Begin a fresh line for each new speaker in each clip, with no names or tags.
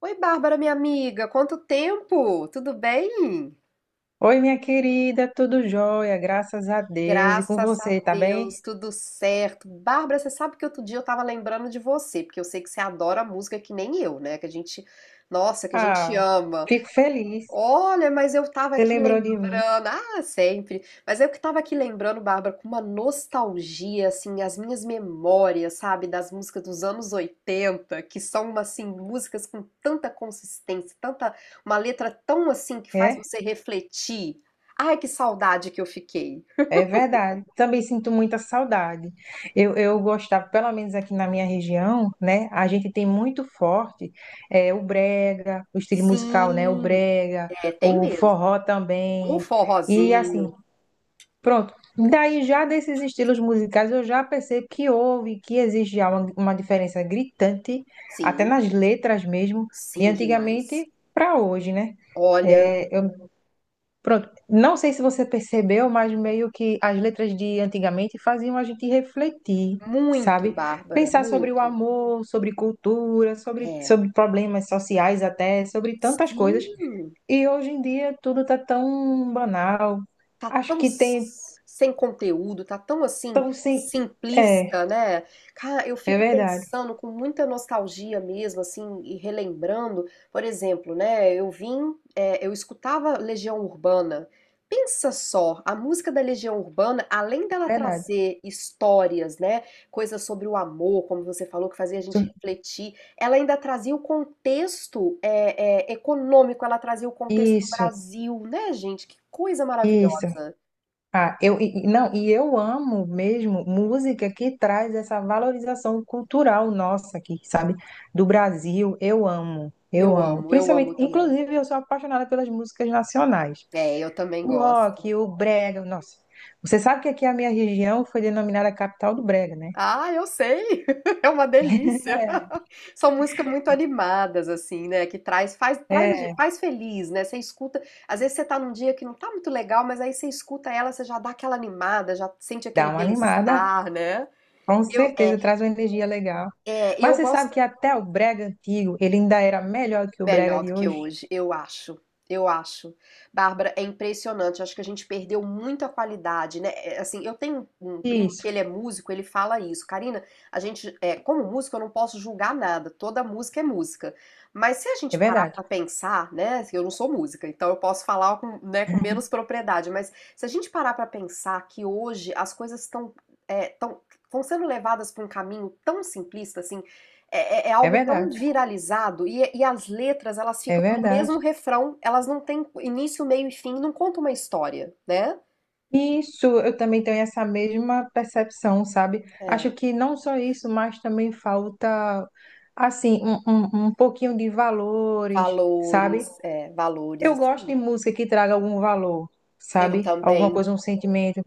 Oi, Bárbara, minha amiga, quanto tempo? Tudo bem?
Oi, minha querida, tudo jóia, graças a Deus. E com
Graças a
você, tá bem?
Deus, tudo certo. Bárbara, você sabe que outro dia eu tava lembrando de você, porque eu sei que você adora música que nem eu, né? Que a gente
Ah,
ama.
fico feliz.
Olha, mas eu tava
Você
aqui
lembrou de mim,
lembrando, ah, sempre, mas eu que tava aqui lembrando, Bárbara, com uma nostalgia, assim, as minhas memórias, sabe, das músicas dos anos 80, que são, assim, músicas com tanta consistência, tanta, uma letra tão, assim, que faz
é?
você refletir. Ai, que saudade que eu fiquei.
É verdade. Também sinto muita saudade. Eu gostava, pelo menos aqui na minha região, né? A gente tem muito forte é, o brega, o estilo musical, né? O
Sim,
brega,
é, tem
o
mesmo.
forró
Um
também. E assim,
forrozinho,
pronto. Daí, já desses estilos musicais, eu já percebo que houve, que existe já uma diferença gritante, até
sim,
nas letras mesmo, de
sim, demais.
antigamente para hoje, né?
Olha,
É, eu, pronto. Não sei se você percebeu, mas meio que as letras de antigamente faziam a gente refletir,
muito,
sabe?
Bárbara,
Pensar sobre o
muito.
amor, sobre cultura, sobre,
É.
sobre problemas sociais até, sobre tantas coisas.
Sim.
E hoje em dia tudo tá tão banal.
Tá
Acho
tão
que tem
s sem conteúdo, tá tão, assim,
tão sem.
simplista,
É.
né. Cara, eu
É
fico
verdade,
pensando com muita nostalgia mesmo, assim, e relembrando, por exemplo, né, eu escutava Legião Urbana. Pensa só, a música da Legião Urbana, além
é
dela
verdade.
trazer histórias, né, coisas sobre o amor, como você falou, que fazia a gente
Isso,
refletir, ela ainda trazia o contexto, econômico, ela trazia o contexto do
isso,
Brasil, né, gente? Que coisa
isso.
maravilhosa.
Ah, eu não, e eu amo mesmo música que traz essa valorização cultural nossa aqui, sabe? Do Brasil, eu amo, eu amo.
Eu
Principalmente,
amo também.
inclusive, eu sou apaixonada pelas músicas nacionais.
É, eu também
O
gosto.
rock, o brega, nossa. Você sabe que aqui a minha região foi denominada capital do brega, né?
Ah, eu sei! É uma delícia. São músicas muito animadas, assim, né? Que traz, faz, traz, A
É,
gente faz feliz, né? Você escuta, às vezes você tá num dia que não tá muito legal, mas aí você escuta ela, você já dá aquela animada, já sente
dá
aquele
uma animada.
bem-estar, né?
Com
Eu, é,
certeza, traz uma energia legal.
é,
Mas
eu
você sabe
gosto.
que até o brega antigo, ele ainda era melhor do que o brega
Melhor do
de
que
hoje?
hoje, eu acho. Eu acho. Bárbara, é impressionante. Acho que a gente perdeu muita qualidade, né? É. Assim, eu tenho um primo
Isso,
que ele é músico, ele fala isso. Karina, a gente, é, como músico, eu não posso julgar nada. Toda música é música. Mas se a
é
gente parar
verdade,
pra pensar, né? Assim, eu não sou música, então eu posso falar com, né, com menos propriedade. Mas se a gente parar pra pensar que hoje as coisas estão, estão sendo levadas pra um caminho tão simplista, assim, é
é
algo tão
verdade,
viralizado e as letras, elas
é
ficam no
verdade.
mesmo refrão, elas não têm início, meio e fim, não conta uma história, né?
Isso, eu também tenho essa mesma percepção, sabe? Acho
É,
que não só isso, mas também falta, assim, um pouquinho de valores, sabe?
é, valores,
Eu
isso
gosto
aí.
de música que traga algum valor,
Eu
sabe? Alguma
também.
coisa, um sentimento.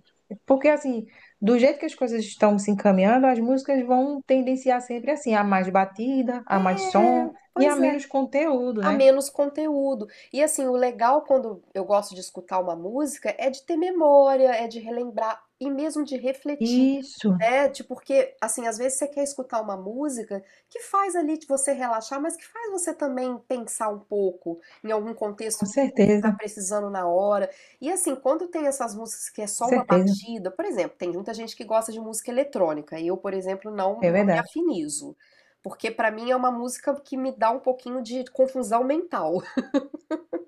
Porque, assim, do jeito que as coisas estão se encaminhando, as músicas vão tendenciar sempre assim, a mais batida, a mais
É,
som e a
pois é.
menos conteúdo,
A
né?
menos conteúdo. E assim, o legal quando eu gosto de escutar uma música é de ter memória, é de relembrar e mesmo de refletir,
Isso,
né? De porque assim, às vezes você quer escutar uma música que faz ali de você relaxar, mas que faz você também pensar um pouco em algum
com
contexto que você está
certeza,
precisando na hora. E assim, quando tem essas músicas que é
com
só uma
certeza.
batida, por exemplo, tem muita gente que gosta de música eletrônica, e eu, por exemplo, não
É
não me
verdade.
afinizo. Porque pra mim é uma música que me dá um pouquinho de confusão mental.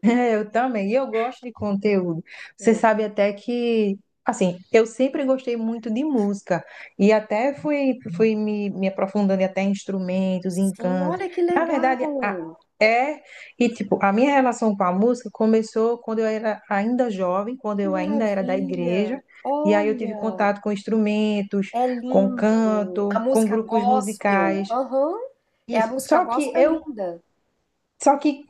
É, eu também. E eu gosto de conteúdo. Você
É.
sabe até que, assim, eu sempre gostei muito de música. E até fui, fui me aprofundando em até em instrumentos, em
Sim,
canto.
olha que
Na verdade,
legal!
é. E, tipo, a minha relação com a música começou quando eu era ainda jovem, quando
Que
eu ainda era da igreja.
maravilha!
E aí eu tive
Olha,
contato com instrumentos,
é
com
lindo! A
canto, com
música
grupos
gospel,
musicais.
aham, é, a
Isso.
música
Só que
gospel é
eu.
linda.
Só que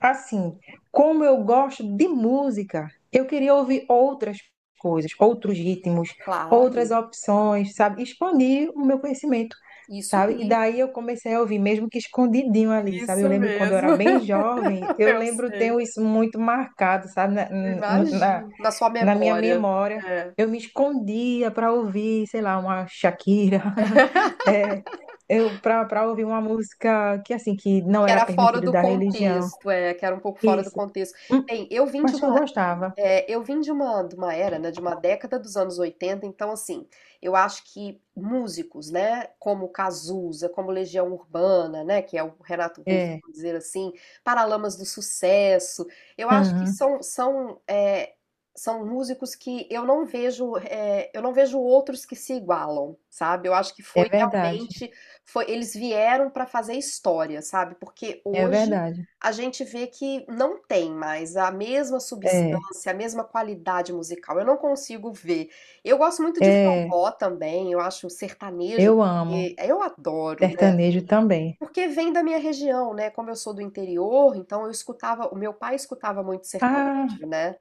assim, como eu gosto de música, eu queria ouvir outras coisas, outros ritmos,
Claro,
outras opções, sabe? Expandir o meu conhecimento,
isso
sabe? E
aí.
daí eu comecei a ouvir, mesmo que escondidinho ali, sabe? Eu
Isso
lembro quando eu
mesmo,
era bem jovem, eu
eu
lembro,
sei,
tenho isso muito marcado, sabe? Na, no- na,
imagino. Na sua
Na minha
memória.
memória.
É.
Eu me escondia para ouvir, sei lá, uma Shakira, é, eu para ouvir uma música que assim que não
Que
era
era fora
permitido
do
da religião.
contexto, é, que era um pouco fora do
Isso.
contexto.
Hum,
Bem, eu vim de
acho que eu
uma
gostava.
É, eu vim de uma era, né, de uma década dos anos 80 então, assim, eu acho que músicos, né, como Cazuza, como Legião Urbana, né, que é o Renato Russo,
É.
por dizer assim, Paralamas do Sucesso, eu acho que
Aham.
são, são, é, são músicos que eu não vejo, é, eu não vejo outros que se igualam, sabe? Eu acho que
É
foi
verdade.
realmente, foi, eles vieram para fazer história, sabe? Porque
É
hoje
verdade.
a gente vê que não tem mais a mesma
É.
substância, a mesma qualidade musical. Eu não consigo ver. Eu gosto muito de
É.
forró também, eu acho sertanejo,
Eu amo
porque eu adoro, né?
sertanejo também.
Porque vem da minha região, né? Como eu sou do interior, então eu escutava, o meu pai escutava muito
Ah,
sertanejo, né?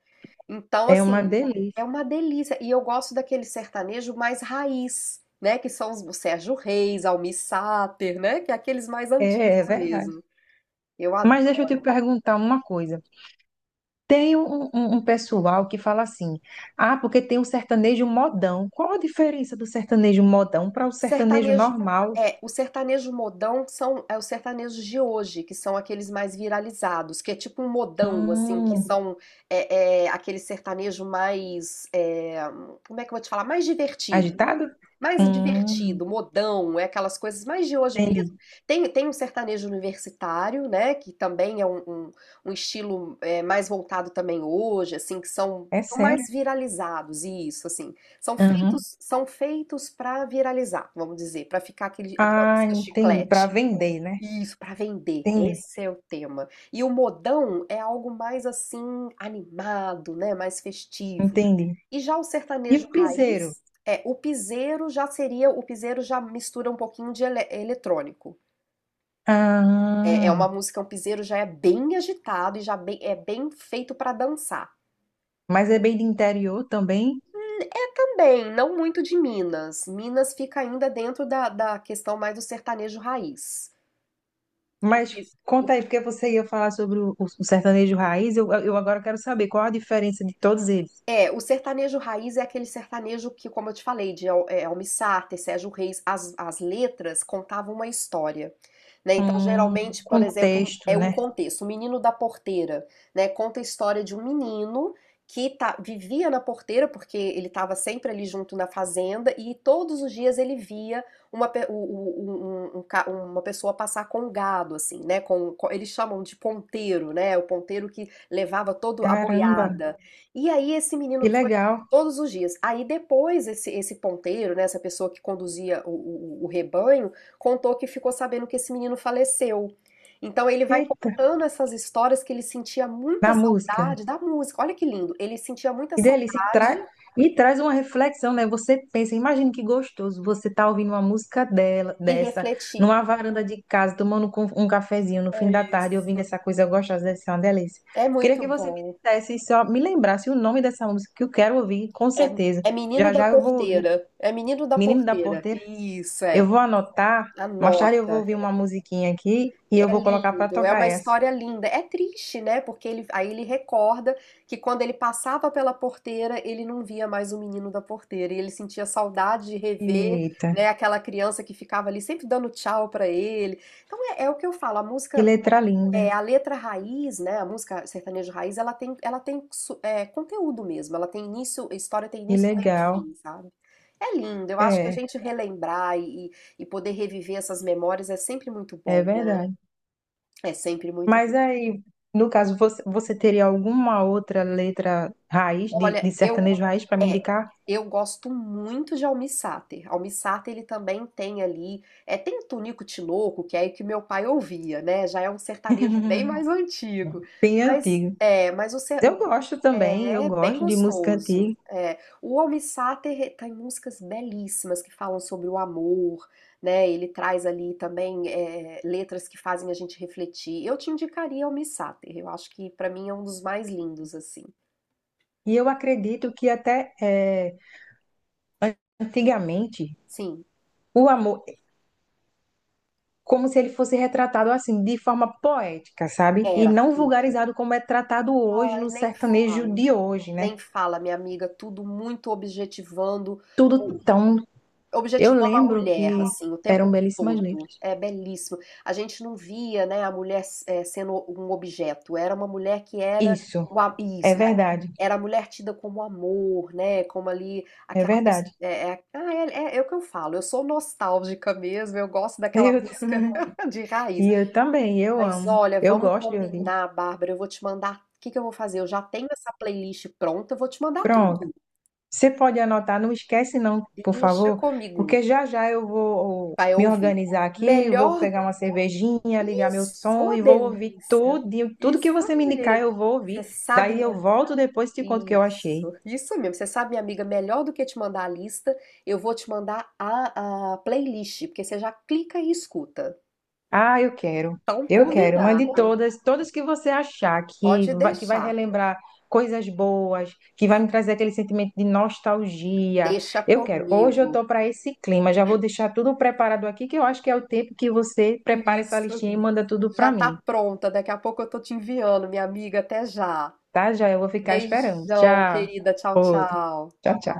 Então,
é
assim,
uma
uhum, é
delícia.
uma delícia. E eu gosto daquele sertanejo mais raiz, né? Que são os o Sérgio Reis, Almir Sater, né? Que é aqueles mais
É,
antigos
é verdade.
mesmo. Eu adoro.
Mas deixa eu te perguntar uma coisa. Tem um pessoal que fala assim: ah, porque tem um sertanejo modão. Qual a diferença do sertanejo modão para o
O
sertanejo
sertanejo
normal?
o sertanejo modão são é os sertanejos de hoje, que são aqueles mais viralizados, que é tipo um modão, assim, que
Hum,
são aquele sertanejo mais, é, como é que eu vou te falar? Mais divertido.
agitado?
Mais
Hum,
divertido, modão, é aquelas coisas mais de hoje mesmo.
entendi.
Tem, tem um sertanejo universitário, né, que também é um estilo é, mais voltado também hoje, assim, que são,
É
são mais
sério?
viralizados, isso, assim. São feitos para viralizar, vamos dizer, para ficar aquele, aquela
Ah,
música
entendi. Para
chiclete.
vender, né?
Isso, para vender.
Entendi,
Esse é o tema. E o modão é algo mais assim animado, né? Mais festivo.
entendi.
E já o
E
sertanejo
o piseiro?
raiz, é, o piseiro já seria, o piseiro já mistura um pouquinho de eletrônico. É, é
Ah,
uma música, um piseiro já é bem agitado e é bem feito para dançar.
mas é bem de interior também.
É também, não muito de Minas. Minas fica ainda dentro da questão mais do sertanejo raiz. O
Mas
que,
conta aí, porque você ia falar sobre o sertanejo raiz. Eu agora quero saber qual a diferença de todos eles.
É, o sertanejo raiz é aquele sertanejo que, como eu te falei, de Almir Sater, Sérgio Reis, as letras contavam uma história, né? Então, geralmente, por exemplo,
Contexto,
é um
né?
contexto. O Menino da Porteira, né? Conta a história de um menino vivia na porteira, porque ele estava sempre ali junto na fazenda, e todos os dias ele via uma, uma pessoa passar com um gado, assim, né? Eles chamam de ponteiro, né? O ponteiro que levava toda a
Caramba,
boiada. E aí esse
que
menino foi
legal.
todos os dias. Aí depois esse, esse ponteiro, né, essa pessoa que conduzia o rebanho, contou que ficou sabendo que esse menino faleceu. Então ele vai
Eita,
contando essas histórias que ele sentia muita
na música.
saudade da música. Olha que lindo. Ele sentia muita
Que delícia. E,
saudade
e traz uma reflexão, né? Você pensa, imagina que gostoso você tá ouvindo uma música dela,
e
dessa,
refletir.
numa varanda de casa, tomando um cafezinho no fim
É
da tarde, ouvindo
isso.
essa coisa gostosa, deve ser uma delícia.
É
Queria
muito
que você me
bom.
dissesse, e só me lembrasse o nome dessa música que eu quero ouvir, com
É,
certeza.
é Menino
Já
da
já eu vou ouvir.
Porteira. É Menino da
Menino da
Porteira.
Porteira,
Isso é.
eu vou anotar, mais tarde eu vou
Anota.
ouvir uma musiquinha aqui e eu
É
vou colocar para
lindo, é
tocar
uma
essa.
história linda. É triste, né? Porque ele, aí ele recorda que quando ele passava pela porteira, ele não via mais o menino da porteira. E ele sentia saudade de rever,
Eita,
né, aquela criança que ficava ali sempre dando tchau pra ele. Então é, é o que eu falo, a
que
música,
letra linda,
é, a letra raiz, né? A música sertaneja raiz, ela tem, conteúdo mesmo. Ela tem início, a história tem
que
início, meio e
legal.
fim, sabe? É lindo, eu acho que a
É,
gente relembrar e poder reviver essas memórias é sempre muito
é
bom.
verdade.
É sempre muito bom.
Mas aí, no caso, você, você teria alguma outra letra raiz, de,
Olha,
de sertanejo raiz, para me
é,
indicar?
eu gosto muito de almissáter. Almissáter ele também tem ali, é, tem o Tunico Tinoco, que é o que meu pai ouvia, né? Já é um sertanejo bem mais antigo.
Bem
Mas
antigo.
é, mas o, ser- o-
Eu gosto também, eu
é é bem
gosto de música
gostoso.
antiga.
É, o almissáter tem músicas belíssimas que falam sobre o amor, né? Ele traz ali também é, letras que fazem a gente refletir. Eu te indicaria almissáter. Eu acho que para mim é um dos mais lindos assim.
E eu acredito que até eh, antigamente
Sim,
o amor, como se ele fosse retratado assim, de forma poética, sabe? E
era
não
tudo.
vulgarizado como é tratado hoje
Ai,
no
nem
sertanejo
fala.
de hoje, né?
Nem fala, minha amiga, tudo muito objetivando,
Tudo
o-
tão. Eu
objetivando a
lembro que
mulher, assim, o
eram
tempo
belíssimas
todo.
letras.
É belíssimo. A gente não via, né, a mulher eh, sendo um objeto. Era uma mulher que era
Isso,
o a-
é
isso, é-
verdade,
era a mulher tida como amor, né? Como ali
é
aquela pessoa.
verdade.
É o que eu falo, eu sou nostálgica mesmo, eu gosto daquela
Eu,
música de raiz.
e eu também, eu
Mas
amo.
olha,
Eu
vamos
gosto de ouvir.
combinar, Bárbara. Eu vou te mandar. O que que eu vou fazer? Eu já tenho essa playlist pronta, eu vou te mandar
Pronto.
tudo.
Você pode anotar, não esquece não, por
Deixa
favor,
comigo,
porque já já eu vou
vai
me
ouvir.
organizar aqui, vou
Melhor.
pegar uma cervejinha, ligar meu
Isso,
som
ô
e vou ouvir
delícia.
tudo, tudo que
Isso
você me indicar
mesmo.
eu vou
Você
ouvir.
sabe,
Daí eu
minha.
volto depois e te conto o que eu achei.
Isso mesmo. Você sabe, minha amiga, melhor do que te mandar a lista, eu vou te mandar a playlist, porque você já clica e escuta.
Ah, eu quero.
Então,
Eu quero. Mande
combinado.
todas, todas que você achar
Pode
que vai
deixar.
relembrar coisas boas, que vai me trazer aquele sentimento de nostalgia.
Deixa
Eu quero. Hoje eu
comigo.
tô para esse clima. Já vou deixar tudo preparado aqui, que eu acho que é o tempo que você prepara essa
Isso.
listinha e manda tudo
Já
para mim,
tá pronta. Daqui a pouco eu tô te enviando, minha amiga. Até já.
tá? Já eu vou ficar esperando.
Beijão,
Tchau.
querida. Tchau,
Outro.
tchau.
Tchau, tchau.